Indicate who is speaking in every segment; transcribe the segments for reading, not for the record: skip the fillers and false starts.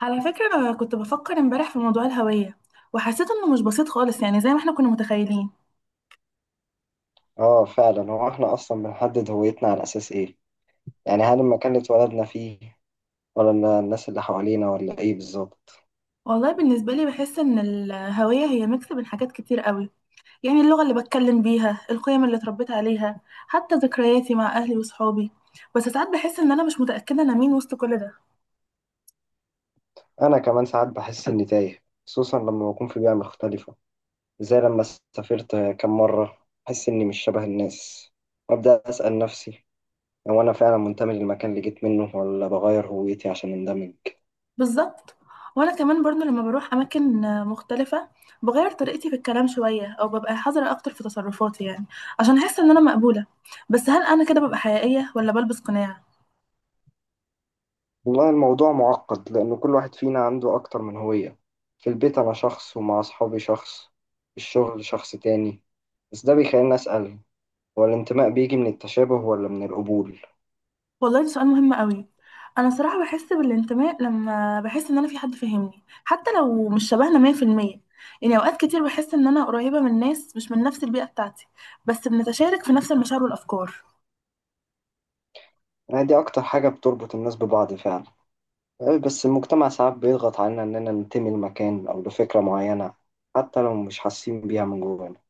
Speaker 1: على فكرة، أنا كنت بفكر امبارح في موضوع الهوية وحسيت إنه مش بسيط خالص يعني زي ما احنا كنا متخيلين.
Speaker 2: اه فعلا، هو احنا اصلا بنحدد هويتنا على اساس ايه؟ يعني هل المكان اللي اتولدنا فيه، ولا الناس اللي حوالينا، ولا ايه بالظبط؟
Speaker 1: والله بالنسبة لي بحس إن الهوية هي ميكس بين حاجات كتير قوي، يعني اللغة اللي بتكلم بيها، القيم اللي اتربيت عليها، حتى ذكرياتي مع أهلي وصحابي. بس ساعات بحس إن أنا مش متأكدة أنا مين وسط كل ده.
Speaker 2: انا كمان ساعات بحس اني تايه، خصوصا لما بكون في بيئة مختلفة، زي لما سافرت كام مرة بحس اني مش شبه الناس، وابدا اسأل نفسي، هو انا فعلا منتمي للمكان اللي جيت منه ولا بغير هويتي عشان اندمج؟
Speaker 1: بالظبط. وأنا كمان برضو لما بروح أماكن مختلفة بغير طريقتي في الكلام شوية أو ببقى حذرة أكتر في تصرفاتي يعني عشان أحس إن أنا مقبولة. بس هل أنا كده ببقى حقيقية ولا بلبس قناع؟
Speaker 2: والله الموضوع معقد، لأن كل واحد فينا عنده أكتر من هوية. في البيت أنا شخص، ومع أصحابي شخص، في الشغل شخص تاني. بس ده بيخليني أسأل، هو الانتماء بيجي من التشابه ولا من القبول؟
Speaker 1: والله ده سؤال مهم قوي. انا صراحه بحس بالانتماء لما بحس ان انا في حد فاهمني حتى لو مش شبهنا 100%. يعني اوقات كتير بحس ان انا قريبه من ناس مش من نفس البيئه بتاعتي، بس بنتشارك في نفس المشاعر والافكار.
Speaker 2: يعني دي أكتر حاجة بتربط الناس ببعض فعلا. بس المجتمع ساعات بيضغط علينا إننا ننتمي لمكان أو لفكرة معينة، حتى لو مش حاسين بيها من جوانا.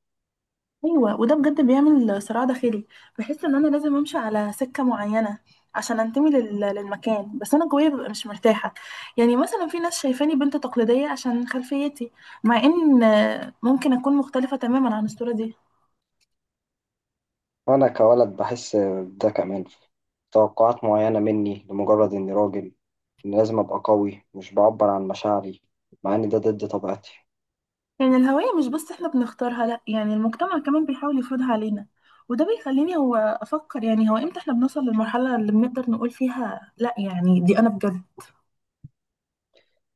Speaker 1: ايوه، وده بجد بيعمل صراع داخلي. بحس ان انا لازم امشي على سكه معينه عشان انتمي للمكان، بس انا جوايا ببقى مش مرتاحه. يعني مثلا في ناس شايفاني بنت تقليديه عشان خلفيتي، مع ان ممكن اكون مختلفه تماما عن الصوره دي.
Speaker 2: وأنا كولد بحس بده كمان، توقعات معينة مني لمجرد إني راجل، إن لازم أبقى قوي مش بعبر عن مشاعري، مع إن ده ضد طبيعتي.
Speaker 1: يعني الهوية مش بس احنا بنختارها، لا يعني المجتمع كمان بيحاول يفرضها علينا. وده بيخليني افكر، يعني هو امتى احنا بنوصل للمرحلة اللي بنقدر نقول فيها لا يعني دي انا بجد.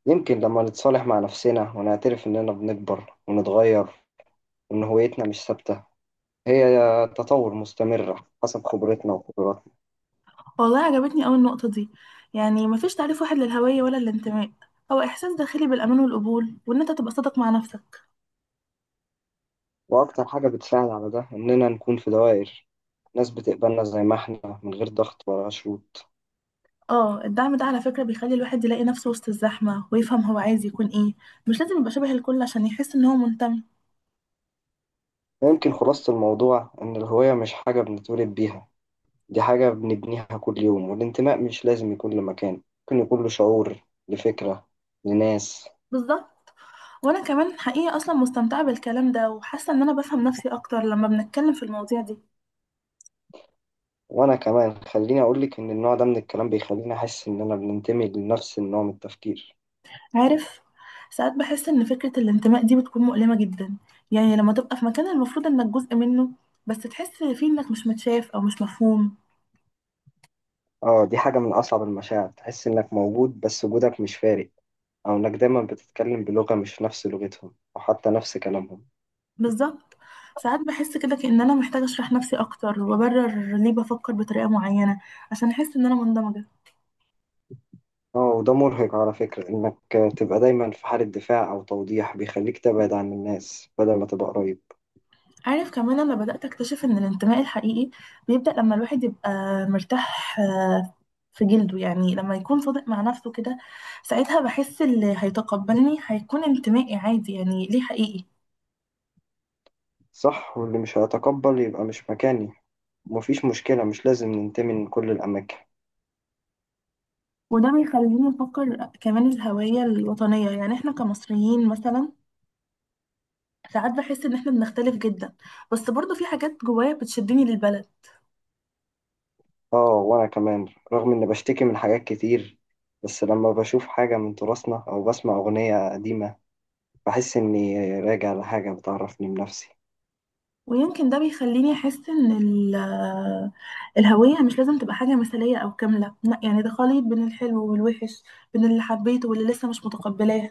Speaker 2: يمكن لما نتصالح مع نفسنا ونعترف إننا بنكبر ونتغير، وإن هويتنا مش ثابتة، هي تطور مستمر حسب خبرتنا وقدراتنا.
Speaker 1: والله عجبتني قوي النقطة دي. يعني مفيش تعريف واحد للهوية ولا الانتماء، هو احساس داخلي بالامان والقبول وان انت تبقى صادق مع نفسك.
Speaker 2: وأكتر حاجة بتساعد على ده إننا نكون في دوائر، ناس بتقبلنا زي ما إحنا من غير ضغط ولا شروط.
Speaker 1: اه، الدعم ده على فكرة بيخلي الواحد يلاقي نفسه وسط الزحمة ويفهم هو عايز يكون ايه. مش لازم يبقى شبه الكل عشان يحس ان هو منتمي.
Speaker 2: يمكن خلاصة الموضوع إن الهوية مش حاجة بنتولد بيها، دي حاجة بنبنيها كل يوم. والانتماء مش لازم يكون لمكان، ممكن يكون له شعور، لفكرة، لناس.
Speaker 1: بالظبط. وانا كمان حقيقة اصلا مستمتعة بالكلام ده وحاسة ان انا بفهم نفسي اكتر لما بنتكلم في المواضيع دي.
Speaker 2: وأنا كمان خليني أقولك إن النوع ده من الكلام بيخليني أحس إن أنا بننتمي لنفس النوع من التفكير.
Speaker 1: عارف، ساعات بحس ان فكرة الانتماء دي بتكون مؤلمة جدا. يعني لما تبقى في مكان المفروض انك جزء منه بس تحس فيه انك مش متشاف او مش مفهوم.
Speaker 2: آه، دي حاجة من أصعب المشاعر، تحس إنك موجود بس وجودك مش فارق، أو إنك دايما بتتكلم بلغة مش نفس لغتهم أو حتى نفس كلامهم.
Speaker 1: بالظبط، ساعات بحس كده كأن انا محتاجة اشرح نفسي اكتر وابرر ليه بفكر بطريقة معينة عشان احس ان انا مندمجة.
Speaker 2: آه وده مرهق على فكرة، إنك تبقى دايما في حالة دفاع أو توضيح، بيخليك تبعد عن الناس بدل ما تبقى قريب.
Speaker 1: عارف، كمان أنا بدأت أكتشف إن الانتماء الحقيقي بيبدأ لما الواحد يبقى مرتاح في جلده، يعني لما يكون صادق مع نفسه كده. ساعتها بحس اللي هيتقبلني هيكون انتمائي عادي، يعني ليه حقيقي.
Speaker 2: صح، واللي مش هيتقبل يبقى مش مكاني، مفيش مشكلة، مش لازم ننتمي من كل الأماكن.
Speaker 1: وده بيخليني أفكر كمان الهوية الوطنية، يعني إحنا كمصريين مثلا، ساعات بحس إن إحنا بنختلف جدا، بس برضه في حاجات جوايا بتشدني للبلد.
Speaker 2: اه وأنا كمان، رغم إني بشتكي من حاجات كتير، بس لما بشوف حاجة من تراثنا أو بسمع أغنية قديمة بحس إني راجع لحاجة بتعرفني بنفسي.
Speaker 1: ويمكن ده بيخليني احس ان الهويه مش لازم تبقى حاجه مثاليه او كامله، لا يعني ده خليط بين الحلو والوحش، بين اللي حبيته واللي لسه مش متقبلاه.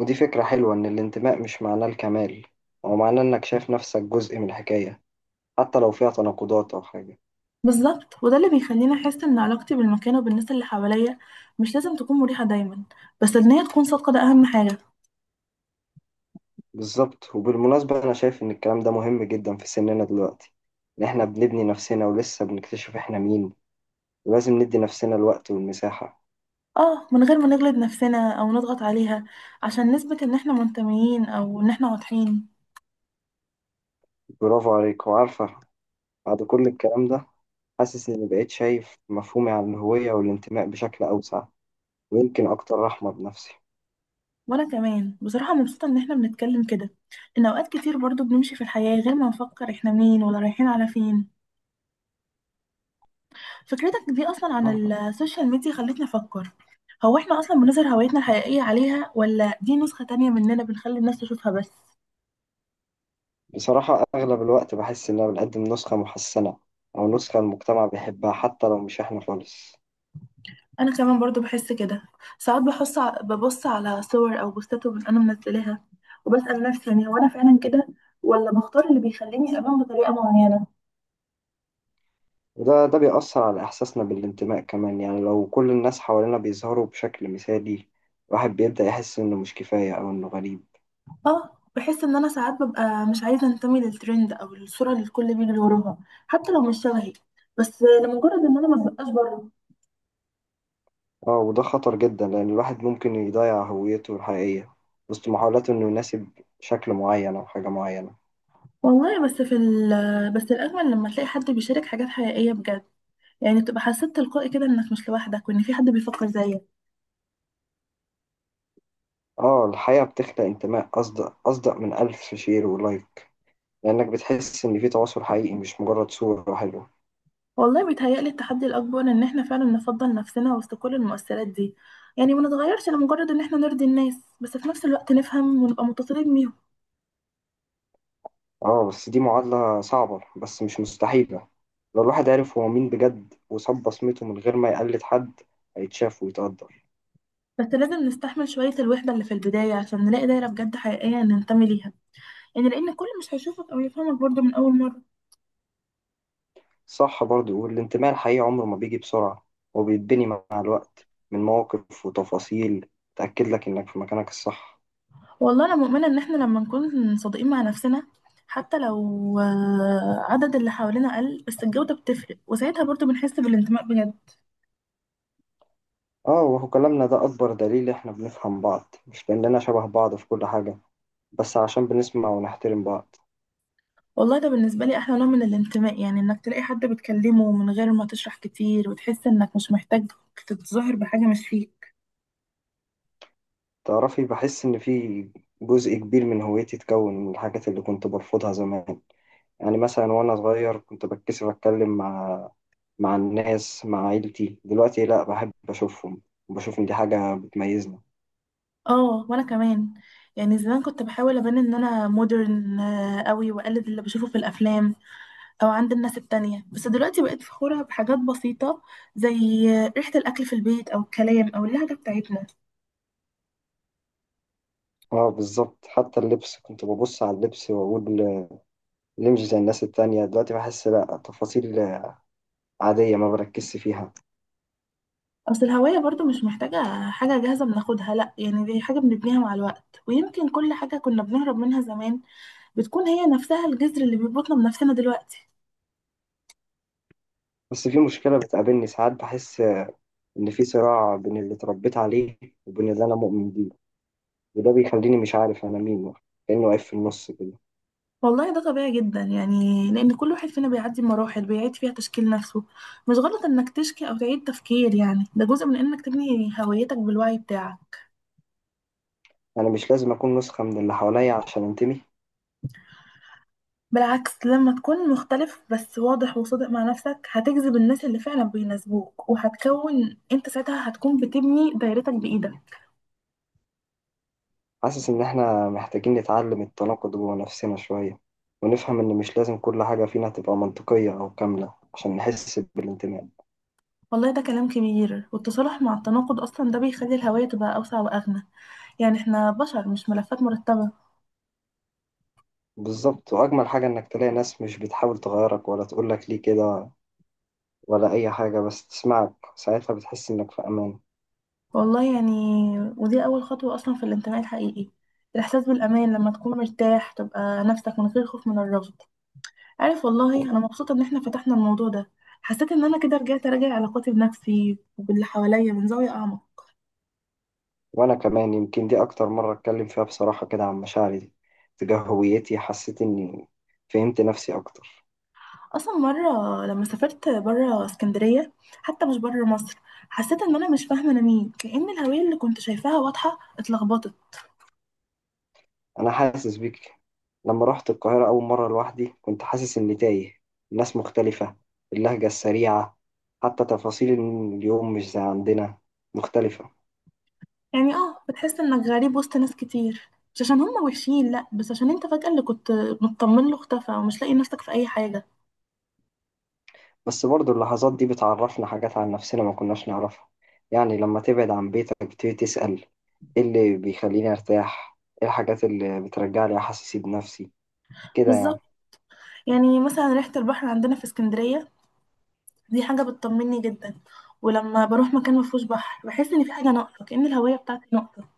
Speaker 2: ودي فكرة حلوة، إن الانتماء مش معناه الكمال، هو معناه إنك شايف نفسك جزء من الحكاية، حتى لو فيها تناقضات أو حاجة.
Speaker 1: بالظبط، وده اللي بيخليني احس ان علاقتي بالمكان وبالناس اللي حواليا مش لازم تكون مريحه دايما، بس ان هي تكون صادقه ده اهم حاجه.
Speaker 2: بالظبط، وبالمناسبة أنا شايف إن الكلام ده مهم جدا في سننا دلوقتي، إن إحنا بنبني نفسنا ولسه بنكتشف إحنا مين، ولازم ندي نفسنا الوقت والمساحة.
Speaker 1: اه، من غير ما نجلد نفسنا او نضغط عليها عشان نثبت ان احنا منتميين او ان احنا واضحين.
Speaker 2: برافو عليك. وعارفة، بعد كل الكلام ده، حاسس إني بقيت شايف مفهومي عن الهوية والانتماء بشكل أوسع، ويمكن أكتر رحمة بنفسي.
Speaker 1: وانا كمان بصراحة مبسوطة ان احنا بنتكلم كده، ان اوقات كتير برضو بنمشي في الحياة غير ما نفكر احنا مين ولا رايحين على فين. فكرتك دي اصلا عن السوشيال ميديا خلتني افكر، هو احنا اصلا بنظهر هويتنا الحقيقية عليها ولا دي نسخة تانية مننا بنخلي الناس تشوفها بس؟
Speaker 2: بصراحة أغلب الوقت بحس إن أنا بقدم نسخة محسنة، أو نسخة المجتمع بيحبها، حتى لو مش إحنا خالص.
Speaker 1: انا كمان برضو بحس كده. ساعات بحس ببص على صور او بوستات انا منزلاها وبسأل نفسي، يعني هو انا فعلا كده ولا بختار اللي بيخليني ابان بطريقة معينة.
Speaker 2: وده ده بيأثر على إحساسنا بالانتماء كمان، يعني لو كل الناس حوالينا بيظهروا بشكل مثالي، الواحد بيبدأ يحس إنه مش كفاية أو إنه غريب.
Speaker 1: اه، بحس ان انا ساعات ببقى مش عايزه انتمي للترند او للصوره اللي الكل بيجري وراها، حتى لو مش شبهي، بس لمجرد ان انا ما ببقاش بره.
Speaker 2: اه وده خطر جدا، لأن الواحد ممكن يضيع هويته الحقيقية وسط محاولاته إنه يناسب شكل معين أو حاجة معينة.
Speaker 1: والله بس في ال بس الاجمل لما تلاقي حد بيشارك حاجات حقيقيه بجد، يعني تبقى حسيت تلقائي كده انك مش لوحدك وان في حد بيفكر زيك.
Speaker 2: اه الحقيقة بتخلق انتماء أصدق، أصدق من ألف شير ولايك، لأنك بتحس إن في تواصل حقيقي مش مجرد صورة حلوة.
Speaker 1: والله بيتهيألي التحدي الاكبر ان احنا فعلا نفضل نفسنا وسط كل المؤثرات دي، يعني ما نتغيرش لمجرد ان احنا نرضي الناس، بس في نفس الوقت نفهم ونبقى متطلبين بيهم.
Speaker 2: اه بس دي معادلة صعبة، بس مش مستحيلة. لو الواحد عرف هو مين بجد وساب بصمته من غير ما يقلد حد هيتشاف ويتقدر.
Speaker 1: بس لازم نستحمل شويه الوحده اللي في البدايه عشان نلاقي دايره بجد حقيقيه ننتمي ليها، يعني لان كل مش هيشوفك او يفهمك برضو من اول مره.
Speaker 2: صح برضو، والانتماء الحقيقي عمره ما بيجي بسرعة، وبيتبني مع الوقت من مواقف وتفاصيل تأكد لك إنك في مكانك الصح.
Speaker 1: والله انا مؤمنه ان احنا لما نكون صادقين مع نفسنا، حتى لو عدد اللي حوالينا قل، بس الجوده بتفرق وساعتها برضو بنحس بالانتماء بجد.
Speaker 2: آه وهو كلامنا ده أكبر دليل، إحنا بنفهم بعض مش لأننا شبه بعض في كل حاجة، بس عشان بنسمع ونحترم بعض.
Speaker 1: والله ده بالنسبه لي احلى نوع من الانتماء، يعني انك تلاقي حد بتكلمه من غير ما تشرح كتير وتحس انك مش محتاج تتظاهر بحاجه مش فيك.
Speaker 2: تعرفي، بحس إن في جزء كبير من هويتي اتكون من الحاجات اللي كنت برفضها زمان. يعني مثلا وأنا صغير كنت بتكسف أتكلم مع الناس، مع عيلتي. دلوقتي لأ، بحب أشوفهم وبشوف إن دي حاجة بتميزني.
Speaker 1: اه وانا كمان. يعني زمان كنت بحاول ابان ان انا مودرن قوي واقلد اللي بشوفه في الافلام او عند الناس التانية، بس دلوقتي بقيت فخورة بحاجات بسيطة، زي ريحة الاكل في البيت او الكلام او اللهجة بتاعتنا.
Speaker 2: اه بالظبط، حتى اللبس كنت ببص على اللبس واقول ليه مش زي الناس التانية. دلوقتي بحس لا، تفاصيل عادية ما بركزش فيها.
Speaker 1: اصل الهوية برضو مش محتاجة حاجة جاهزة بناخدها، لا يعني دي حاجة بنبنيها مع الوقت، ويمكن كل حاجة كنا بنهرب منها زمان بتكون هي نفسها الجذر اللي بيربطنا بنفسنا دلوقتي.
Speaker 2: بس في مشكلة بتقابلني ساعات، بحس إن في صراع بين اللي اتربيت عليه وبين اللي أنا مؤمن بيه، وده بيخليني مش عارف أنا مين، كأنه واقف في النص كده.
Speaker 1: والله ده طبيعي جدا، يعني لأن كل واحد فينا بيعدي مراحل بيعيد فيها تشكيل نفسه. مش غلط إنك تشكي أو تعيد تفكير، يعني ده جزء من إنك تبني هويتك بالوعي بتاعك.
Speaker 2: أنا مش لازم أكون نسخة من اللي حواليا عشان أنتمي.
Speaker 1: بالعكس لما تكون مختلف بس واضح وصادق مع نفسك هتجذب الناس اللي فعلا بيناسبوك، وهتكون انت ساعتها هتكون بتبني دايرتك بإيدك.
Speaker 2: حاسس إن إحنا محتاجين نتعلم التناقض جوه نفسنا شوية، ونفهم إن مش لازم كل حاجة فينا تبقى منطقية أو كاملة عشان نحس بالانتماء.
Speaker 1: والله ده كلام كبير، والتصالح مع التناقض أصلا ده بيخلي الهوية تبقى أوسع وأغنى، يعني احنا بشر مش ملفات مرتبة.
Speaker 2: بالظبط، وأجمل حاجة إنك تلاقي ناس مش بتحاول تغيرك ولا تقولك ليه كده ولا أي حاجة، بس تسمعك. ساعتها بتحس إنك في أمان.
Speaker 1: والله يعني، ودي أول خطوة أصلا في الانتماء الحقيقي، الإحساس بالأمان لما تكون مرتاح تبقى نفسك من غير خوف من الرفض. عارف، والله انا مبسوطه ان احنا فتحنا الموضوع ده. حسيت ان انا كده رجعت اراجع علاقاتي بنفسي وباللي حواليا من زاويه اعمق.
Speaker 2: وأنا كمان، يمكن دي أكتر مرة أتكلم فيها بصراحة كده عن مشاعري دي تجاه هويتي. حسيت إني فهمت نفسي أكتر.
Speaker 1: اصلا مره لما سافرت بره اسكندريه، حتى مش بره مصر، حسيت ان انا مش فاهمه انا مين، كأن الهويه اللي كنت شايفاها واضحه اتلخبطت.
Speaker 2: أنا حاسس بيك، لما رحت القاهرة أول مرة لوحدي كنت حاسس إني تايه. الناس مختلفة، اللهجة السريعة، حتى تفاصيل اليوم مش زي عندنا، مختلفة.
Speaker 1: يعني اه بتحس انك غريب وسط ناس كتير، مش عشان هم وحشين لا، بس عشان انت فجأة اللي كنت مطمن له اختفى ومش لاقي نفسك في اي حاجه.
Speaker 2: بس برضو اللحظات دي بتعرفنا حاجات عن نفسنا ما كناش نعرفها. يعني لما تبعد عن بيتك بتبتدي تسأل، ايه اللي بيخليني ارتاح؟ ايه الحاجات اللي بترجع لي احاسيسي بنفسي كده
Speaker 1: بالظبط.
Speaker 2: يعني؟
Speaker 1: يعني مثلا ريحه البحر عندنا في اسكندريه دي حاجة بتطمني جدا، ولما بروح مكان مفهوش بحر بحس ان في حاجة ناقصة، كأن الهوية بتاعتي ناقصة.